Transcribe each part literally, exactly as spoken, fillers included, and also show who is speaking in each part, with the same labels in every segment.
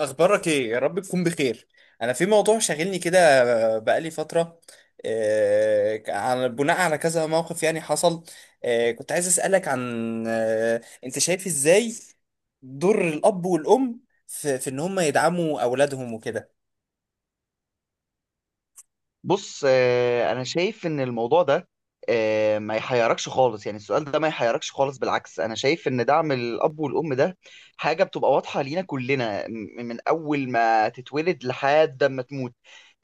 Speaker 1: اخبارك ايه يا رب تكون بخير. انا في موضوع شاغلني كده، بقالي فتره. آه، على بناء على كذا موقف يعني حصل. آه، كنت عايز اسالك عن آه، انت شايف ازاي دور الاب والام في في ان هم يدعموا اولادهم وكده.
Speaker 2: بص، آه، انا شايف ان الموضوع ده آه، ما يحيركش خالص. يعني السؤال ده ما يحيركش خالص. بالعكس، انا شايف ان دعم الاب والام ده حاجه بتبقى واضحه لينا كلنا م- من اول ما تتولد لحد ما تموت.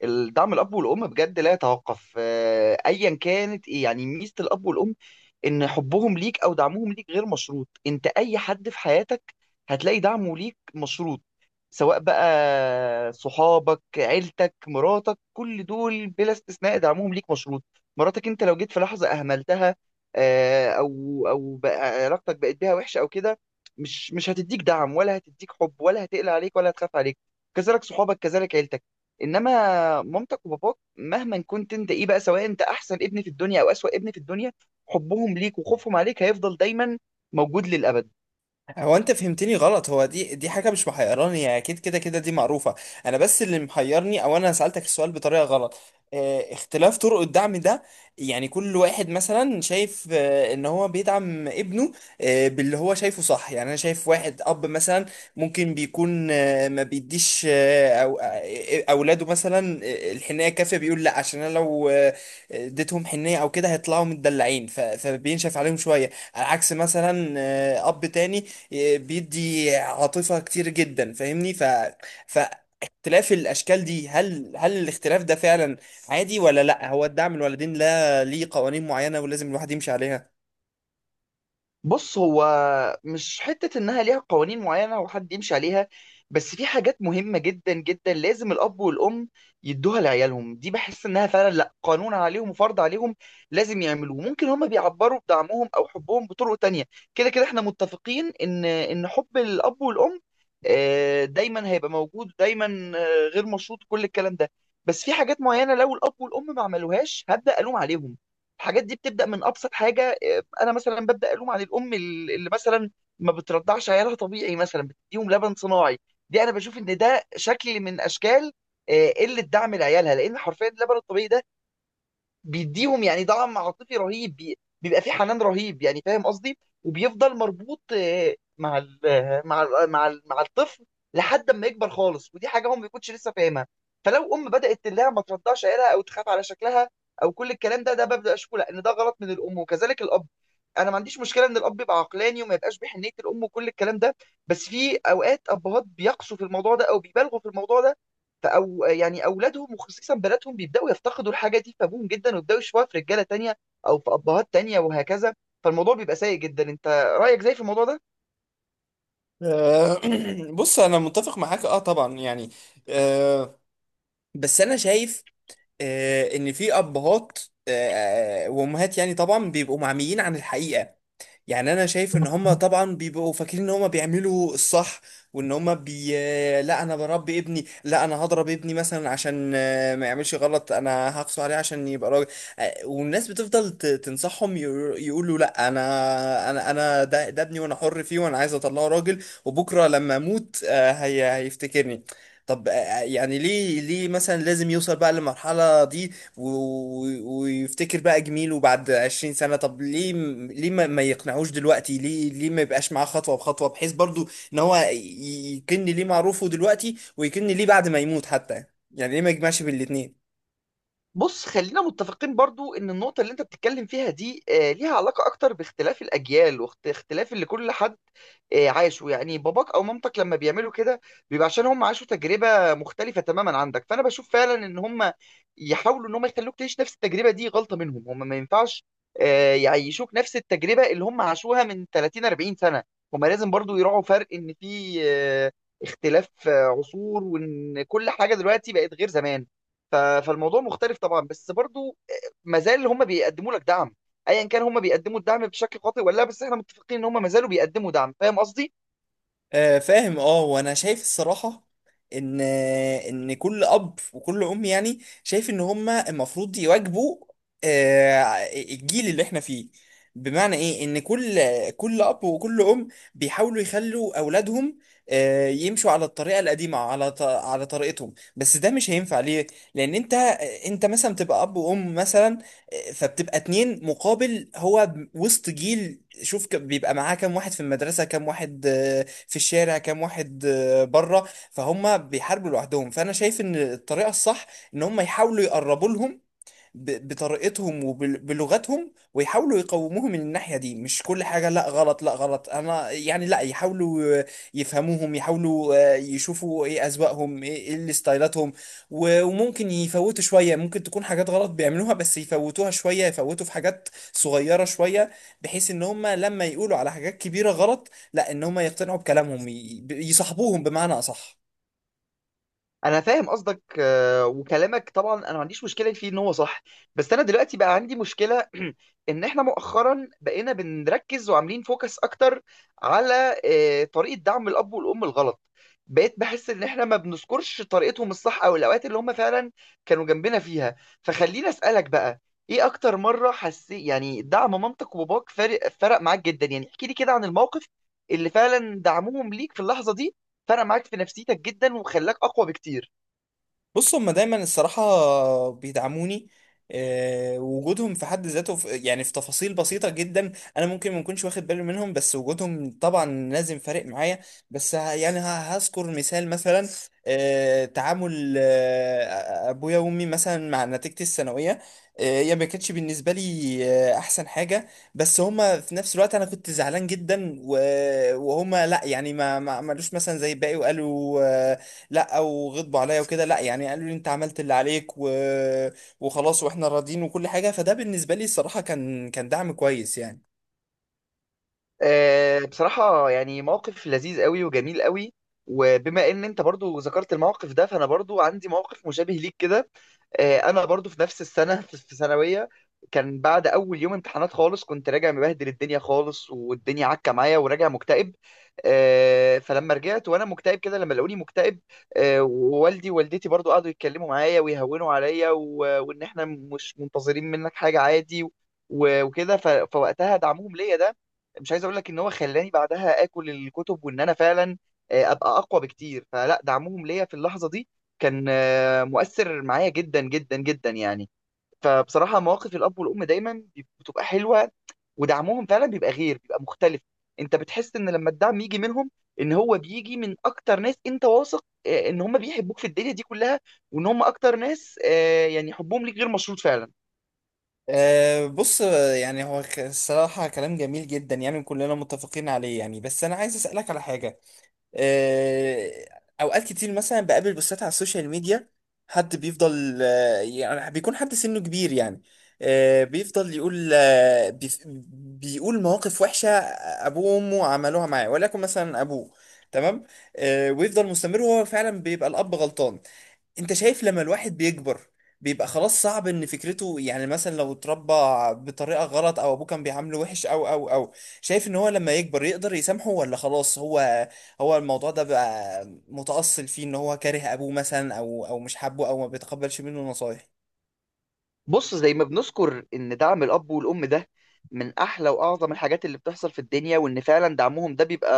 Speaker 2: الدعم، الاب والام بجد لا يتوقف. آه، ايا كانت ايه يعني ميزه الاب والام، ان حبهم ليك او دعمهم ليك غير مشروط. انت اي حد في حياتك هتلاقي دعمه ليك مشروط، سواء بقى صحابك، عيلتك، مراتك، كل دول بلا استثناء دعمهم ليك مشروط. مراتك انت لو جيت في لحظة اهملتها، آه، او او بقى علاقتك بقت بيها وحشة او كده، مش مش هتديك دعم، ولا هتديك حب، ولا هتقلق عليك، ولا هتخاف عليك. كذلك صحابك، كذلك عيلتك. انما مامتك وباباك، مهما كنت انت ايه بقى، سواء انت احسن ابن في الدنيا او اسوأ ابن في الدنيا، حبهم ليك وخوفهم عليك هيفضل دايما موجود للأبد.
Speaker 1: هو انت فهمتني غلط، هو دي دي حاجه مش محيراني، هي اكيد كده كده دي معروفه. انا بس اللي محيرني، او انا سالتك السؤال بطريقه غلط. اه اختلاف طرق الدعم ده، يعني كل واحد مثلا شايف اه ان هو بيدعم ابنه اه باللي هو شايفه صح. يعني انا شايف واحد اب مثلا ممكن بيكون اه ما بيديش اه او اه آه، اولاده مثلا اه الحنيه الكافيه، بيقول لا، عشان انا لو اه اديتهم حنيه او كده هيطلعوا متدلعين، ف- فبينشف عليهم شويه. على عكس مثلا اه اب تاني بيدي عاطفة كتير جدا، فاهمني. ف فاختلاف الأشكال دي، هل هل الاختلاف ده فعلا عادي ولا لأ؟ هو الدعم الوالدين لا ليه قوانين معينة ولازم الواحد يمشي عليها؟
Speaker 2: بص، هو مش حتة إنها ليها قوانين معينة وحد يمشي عليها، بس في حاجات مهمة جدا جدا لازم الأب والأم يدوها لعيالهم. دي بحس إنها فعلا لأ، قانون عليهم وفرض عليهم لازم يعملوه. ممكن هما بيعبروا بدعمهم أو حبهم بطرق تانية. كده كده إحنا متفقين إن إن حب الأب والأم آه، دايما هيبقى موجود، دايما آه، غير مشروط، كل الكلام ده. بس في حاجات معينة لو الأب والأم ما عملوهاش هبدأ ألوم عليهم. الحاجات دي بتبدا من ابسط حاجه. آه، انا مثلا ببدا الوم عن الام ال- اللي مثلا ما بترضعش عيالها طبيعي، مثلا بتديهم لبن صناعي. دي انا بشوف ان ده شكل من اشكال آه، قله دعم لعيالها، لان حرفيا اللبن الطبيعي ده بيديهم يعني دعم عاطفي رهيب. بي- بيبقى في حنان رهيب يعني، فاهم قصدي، وبيفضل مربوط آه، مع ال مع ال مع ال مع الطفل لحد ما يكبر خالص. ودي حاجه هم ما بيكونش لسه فاهمها. فلو ام بدات تلاقيها ما ترضعش عيالها، او تخاف على شكلها، او كل الكلام ده ده ببدا اشكو لأ، ان ده غلط من الام، وكذلك الاب. انا ما عنديش مشكله ان الاب يبقى عقلاني وما يبقاش بحنيه الام وكل الكلام ده، بس في اوقات ابهات بيقصوا في الموضوع ده او بيبالغوا في الموضوع ده، فأو يعني أولادهم وخصيصا بناتهم بيبدأوا يفتقدوا الحاجة دي في أبوهم جدا، ويبدأوا يشوفوها في رجالة تانية أو في أبهات تانية، وهكذا. فالموضوع بيبقى سيء جدا. أنت رأيك زي في الموضوع ده؟
Speaker 1: آه، بص أنا متفق معاك، أه طبعا يعني. آه، بس أنا شايف آه، إن في أبهات آه، وأمهات، يعني طبعا بيبقوا معميين عن الحقيقة. يعني انا شايف ان هم طبعا بيبقوا فاكرين ان هم بيعملوا الصح، وان هم بي لا انا بربي ابني، لا انا هضرب ابني مثلا عشان آه، ما يعملش غلط، انا هقسو عليه عشان يبقى راجل. آه، والناس بتفضل ت- تنصحهم، يقو- يقولوا لا، انا انا انا ده, ده ابني وانا حر فيه وانا عايز اطلعه راجل، وبكره لما اموت آه، هي هيفتكرني. طب آه، يعني ليه ليه مثلا لازم يوصل بقى للمرحلة دي و- و- ويفتكر بقى جميله بعد عشرين سنة؟ طب ليه م- ليه ما ما يقنعوش دلوقتي؟ ليه ليه ما يبقاش معاه خطوة بخطوة، بحيث برضو ان هو ي- يكن ليه معروفه دلوقتي ويكن ليه بعد ما يموت حتى؟ يعني ليه ما يجمعش بين الاتنين؟
Speaker 2: بص، خلينا متفقين برضو ان النقطة اللي انت بتتكلم فيها دي آه، ليها علاقة اكتر باختلاف الاجيال، واختلاف اللي كل حد آه، عاشه. يعني باباك او مامتك لما بيعملوا كده، بيبقى عشان هم عاشوا تجربة مختلفة تماما عندك. فانا بشوف فعلا ان هم يحاولوا ان هم يخلوك تعيش نفس التجربة دي غلطة منهم. هم ما ينفعش آه، يعيشوك نفس التجربة اللي هم عاشوها من ثلاثين أربعين سنة. هم لازم برضو يراعوا فرق ان في آه، اختلاف آه، عصور، وان كل حاجة دلوقتي بقت غير زمان. ف- فالموضوع مختلف طبعا، بس برضو ما زال هم بيقدموا لك دعم. ايا كان هم بيقدموا الدعم بشكل خاطئ ولا لا، بس احنا متفقين ان هم ما زالوا بيقدموا دعم، فاهم قصدي.
Speaker 1: آه، فاهم. اه وانا شايف الصراحه ان ان كل اب وكل ام يعني شايف ان هما المفروض يواجبوا آه، الجيل اللي احنا فيه. بمعنى ايه؟ ان كل كل اب وكل ام بيحاولوا يخلوا اولادهم آه، يمشوا على الطريقه القديمه، على ط- على طريقتهم، بس ده مش هينفع ليه؟ لان انت انت مثلا بتبقى اب وام مثلا، آه، فبتبقى اتنين، مقابل هو وسط جيل، شوف ك- بيبقى معاه كام واحد في المدرسه، كام واحد في الشارع، كام واحد آه، بره، فهم بيحاربوا لوحدهم. فانا شايف ان الطريقه الصح ان هم يحاولوا يقربوا لهم ب- بطريقتهم وبلغتهم، ويحاولوا يقوموهم من الناحية دي، مش كل حاجة لا غلط لا غلط. انا يعني، لا، يحاولوا آه، يفهموهم، يحاولوا آه، يشوفوا ايه اذواقهم، ايه إيه اللي ستايلاتهم، و- وممكن يفوتوا شوية، ممكن تكون حاجات غلط بيعملوها بس يفوتوها شوية، يفوتوا في حاجات صغيرة شوية، بحيث ان هم لما يقولوا على حاجات كبيرة غلط، لا، ان هم يقتنعوا بكلامهم، ي- يصاحبوهم بمعنى اصح.
Speaker 2: انا فاهم قصدك آه، وكلامك طبعا انا ما عنديش مشكله فيه ان هو صح، بس انا دلوقتي بقى عندي مشكله ان احنا مؤخرا بقينا بنركز وعاملين فوكس اكتر على آه، طريقه دعم الاب والام الغلط. بقيت بحس ان احنا ما بنذكرش طريقتهم الصح او الاوقات اللي هم فعلا كانوا جنبنا فيها. فخليني اسالك بقى، ايه اكتر مره حسيت يعني دعم مامتك وباباك فرق فرق معاك جدا؟ يعني احكي لي كده عن الموقف اللي فعلا دعمهم ليك في اللحظه دي فرق معاك في نفسيتك جدا وخلاك اقوى بكتير.
Speaker 1: بص هما دايما الصراحة بيدعموني. آه، وجودهم في حد ذاته، في يعني في تفاصيل بسيطة جدا أنا ممكن ما أكونش واخد بالي منهم، بس وجودهم طبعا لازم فارق معايا. بس ه- يعني ه- هذكر مثال مثلا. آه، تعامل آه، أبويا وأمي مثلا مع نتيجتي الثانوية، آه، هي ما كانتش بالنسبة لي آه، أحسن حاجة، بس هما في نفس الوقت، أنا كنت زعلان جدا و- وهما لأ، يعني ما ما عملوش مثلا زي الباقي وقالوا آه، لا، او غضبوا عليا وكده، لا، يعني قالوا لي انت عملت اللي عليك و... وخلاص، واحنا راضيين، وكل حاجه. فده بالنسبه لي الصراحه كان كان دعم كويس يعني.
Speaker 2: آه، بصراحة يعني موقف لذيذ قوي وجميل قوي. وبما ان انت برضو ذكرت الموقف ده، فانا برضو عندي موقف مشابه ليك كده. آه، انا برضو في نفس السنة، في في ثانوية، كان بعد اول يوم امتحانات خالص كنت راجع مبهدل الدنيا خالص، والدنيا عكة معايا، وراجع مكتئب. آه، فلما رجعت وانا مكتئب كده، لما لقوني مكتئب آه، ووالدي ووالدتي برضو قعدوا يتكلموا معايا ويهونوا عليا، و- وان احنا مش منتظرين منك حاجة عادي و- وكده. ف- فوقتها دعمهم ليا ده، مش عايز اقول لك ان هو خلاني بعدها اكل الكتب وان انا فعلا آه، ابقى اقوى بكتير، فلا، دعمهم ليا في اللحظه دي كان آه، مؤثر معايا جدا جدا جدا يعني. فبصراحه مواقف الاب والام دايما بتبقى حلوه، ودعمهم فعلا بيبقى غير بيبقى مختلف. انت بتحس ان لما الدعم يجي منهم ان هو بيجي من اكتر ناس انت واثق آه، ان هم بيحبوك في الدنيا دي كلها، وان هم اكتر ناس آه، يعني حبهم ليك غير مشروط فعلا.
Speaker 1: أه بص آه، يعني هو، ك- الصراحه كلام جميل جدا يعني كلنا متفقين عليه يعني. بس انا عايز اسالك على حاجه، آه، اوقات كتير مثلا بقابل بوستات على السوشيال ميديا، حد بيفضل آه، يعني بيكون حد سنه كبير يعني آه، بيفضل يقول آه، بيف- بيقول مواقف وحشة آه، ابوه وامه عملوها معاه، ولكن مثلا ابوه تمام آه، ويفضل مستمر، وهو فعلا بيبقى الاب غلطان. انت شايف لما الواحد بيكبر بيبقى خلاص صعب ان فكرته، يعني مثلا لو اتربى بطريقة غلط او ابوه كان بيعامله وحش او او او، شايف ان هو لما يكبر يقدر يسامحه، ولا خلاص هو، هو الموضوع ده بقى متأصل فيه ان هو كاره ابوه مثلا او او مش حابه او ما بيتقبلش منه نصايح؟
Speaker 2: بص، زي ما بنذكر ان دعم الاب والام ده من احلى واعظم الحاجات اللي بتحصل في الدنيا، وان فعلا دعمهم ده بيبقى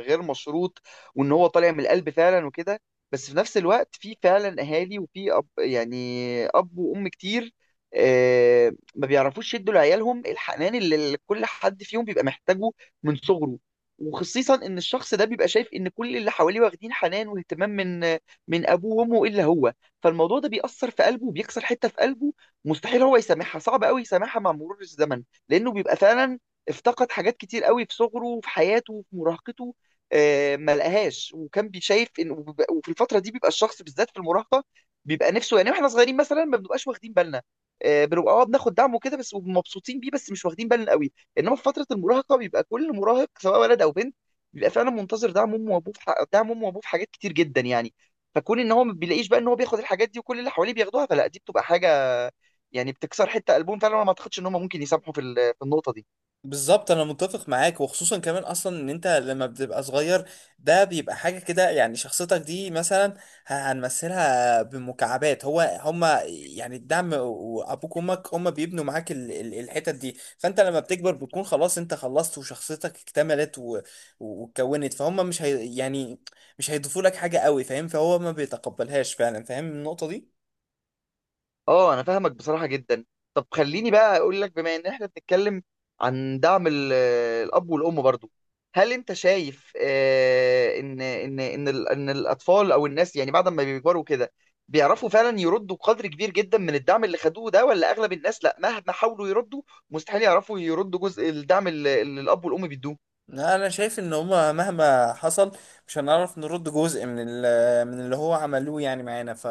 Speaker 2: غير مشروط، وان هو طالع من القلب فعلا وكده، بس في نفس الوقت في فعلا اهالي وفي اب يعني، اب وام كتير آه، ما بيعرفوش يدوا لعيالهم الحنان اللي كل حد فيهم بيبقى محتاجه من صغره. وخصيصا ان الشخص ده بيبقى شايف ان كل اللي حواليه واخدين حنان واهتمام من من ابوه وامه الا هو، فالموضوع ده بيأثر في قلبه وبيكسر حتة في قلبه. مستحيل هو يسامحها، صعب قوي يسامحها مع مرور الزمن، لانه بيبقى فعلا افتقد حاجات كتير قوي في صغره وفي حياته وفي مراهقته، آه، ما لقاهاش. وكان بيشايف ان وبيبقى- وفي الفتره دي بيبقى الشخص، بالذات في المراهقه، بيبقى نفسه يعني. واحنا صغيرين مثلا ما بنبقاش واخدين بالنا، آه، بنبقى اه بناخد دعم وكده بس ومبسوطين بيه، بس مش واخدين بالنا قوي. انما في فتره المراهقه بيبقى كل مراهق سواء ولد او بنت بيبقى فعلا منتظر دعم امه وابوه في ح- دعم امه وابوه في حاجات كتير جدا يعني. فكون ان هو ما بيلاقيش بقى ان هو بياخد الحاجات دي وكل اللي حواليه بياخدوها، فلا دي بتبقى حاجه يعني بتكسر حته قلبهم فعلا، وانا ما اعتقدش ان هم ممكن يسامحوا في ال- في النقطه دي.
Speaker 1: بالظبط انا متفق معاك، وخصوصا كمان اصلا ان انت لما بتبقى صغير ده بيبقى حاجه كده، يعني شخصيتك دي مثلا ه- هنمثلها بمكعبات، هو هما يعني الدعم وابوك وامك هما بيبنوا معاك ال- ال- الحتت دي، فانت لما بتكبر بتكون خلاص، انت خلصت وشخصيتك اكتملت و- واتكونت، فهم مش هي يعني مش هيضيفوا لك حاجه قوي، فاهم؟ فهو ما بيتقبلهاش فعلا، فاهم النقطه دي؟
Speaker 2: اه، انا فاهمك بصراحه جدا. طب خليني بقى اقول لك، بما ان احنا بنتكلم عن دعم ال- الاب والام برضو، هل انت شايف آه، ان ان ان ال- ان الاطفال او الناس يعني بعد ما بيكبروا كده بيعرفوا فعلا يردوا قدر كبير جدا من الدعم اللي خدوه ده، ولا اغلب الناس لا، مهما حاولوا يردوا مستحيل يعرفوا يردوا جزء الدعم اللي اللي الاب والام بيدوه؟
Speaker 1: لا، انا شايف ان هما مهما حصل مش هنعرف نرد جزء من ال- آه، من اللي هو عملوه يعني معانا، ف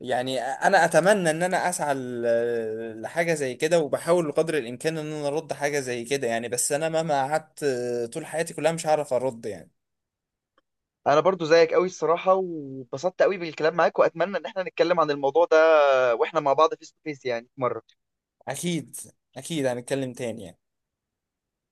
Speaker 1: يعني انا اتمنى ان انا اسعى ل- آه، لحاجه زي كده، وبحاول بقدر الامكان ان انا ارد حاجه زي كده يعني، بس انا مهما قعدت طول حياتي كلها مش هعرف ارد يعني.
Speaker 2: انا برضو زيك قوي الصراحه، وبسطت قوي بالكلام معاك، واتمنى ان احنا نتكلم عن الموضوع ده واحنا مع بعض فيس تو فيس يعني في مره.
Speaker 1: اكيد، اكيد هنتكلم تاني يعني.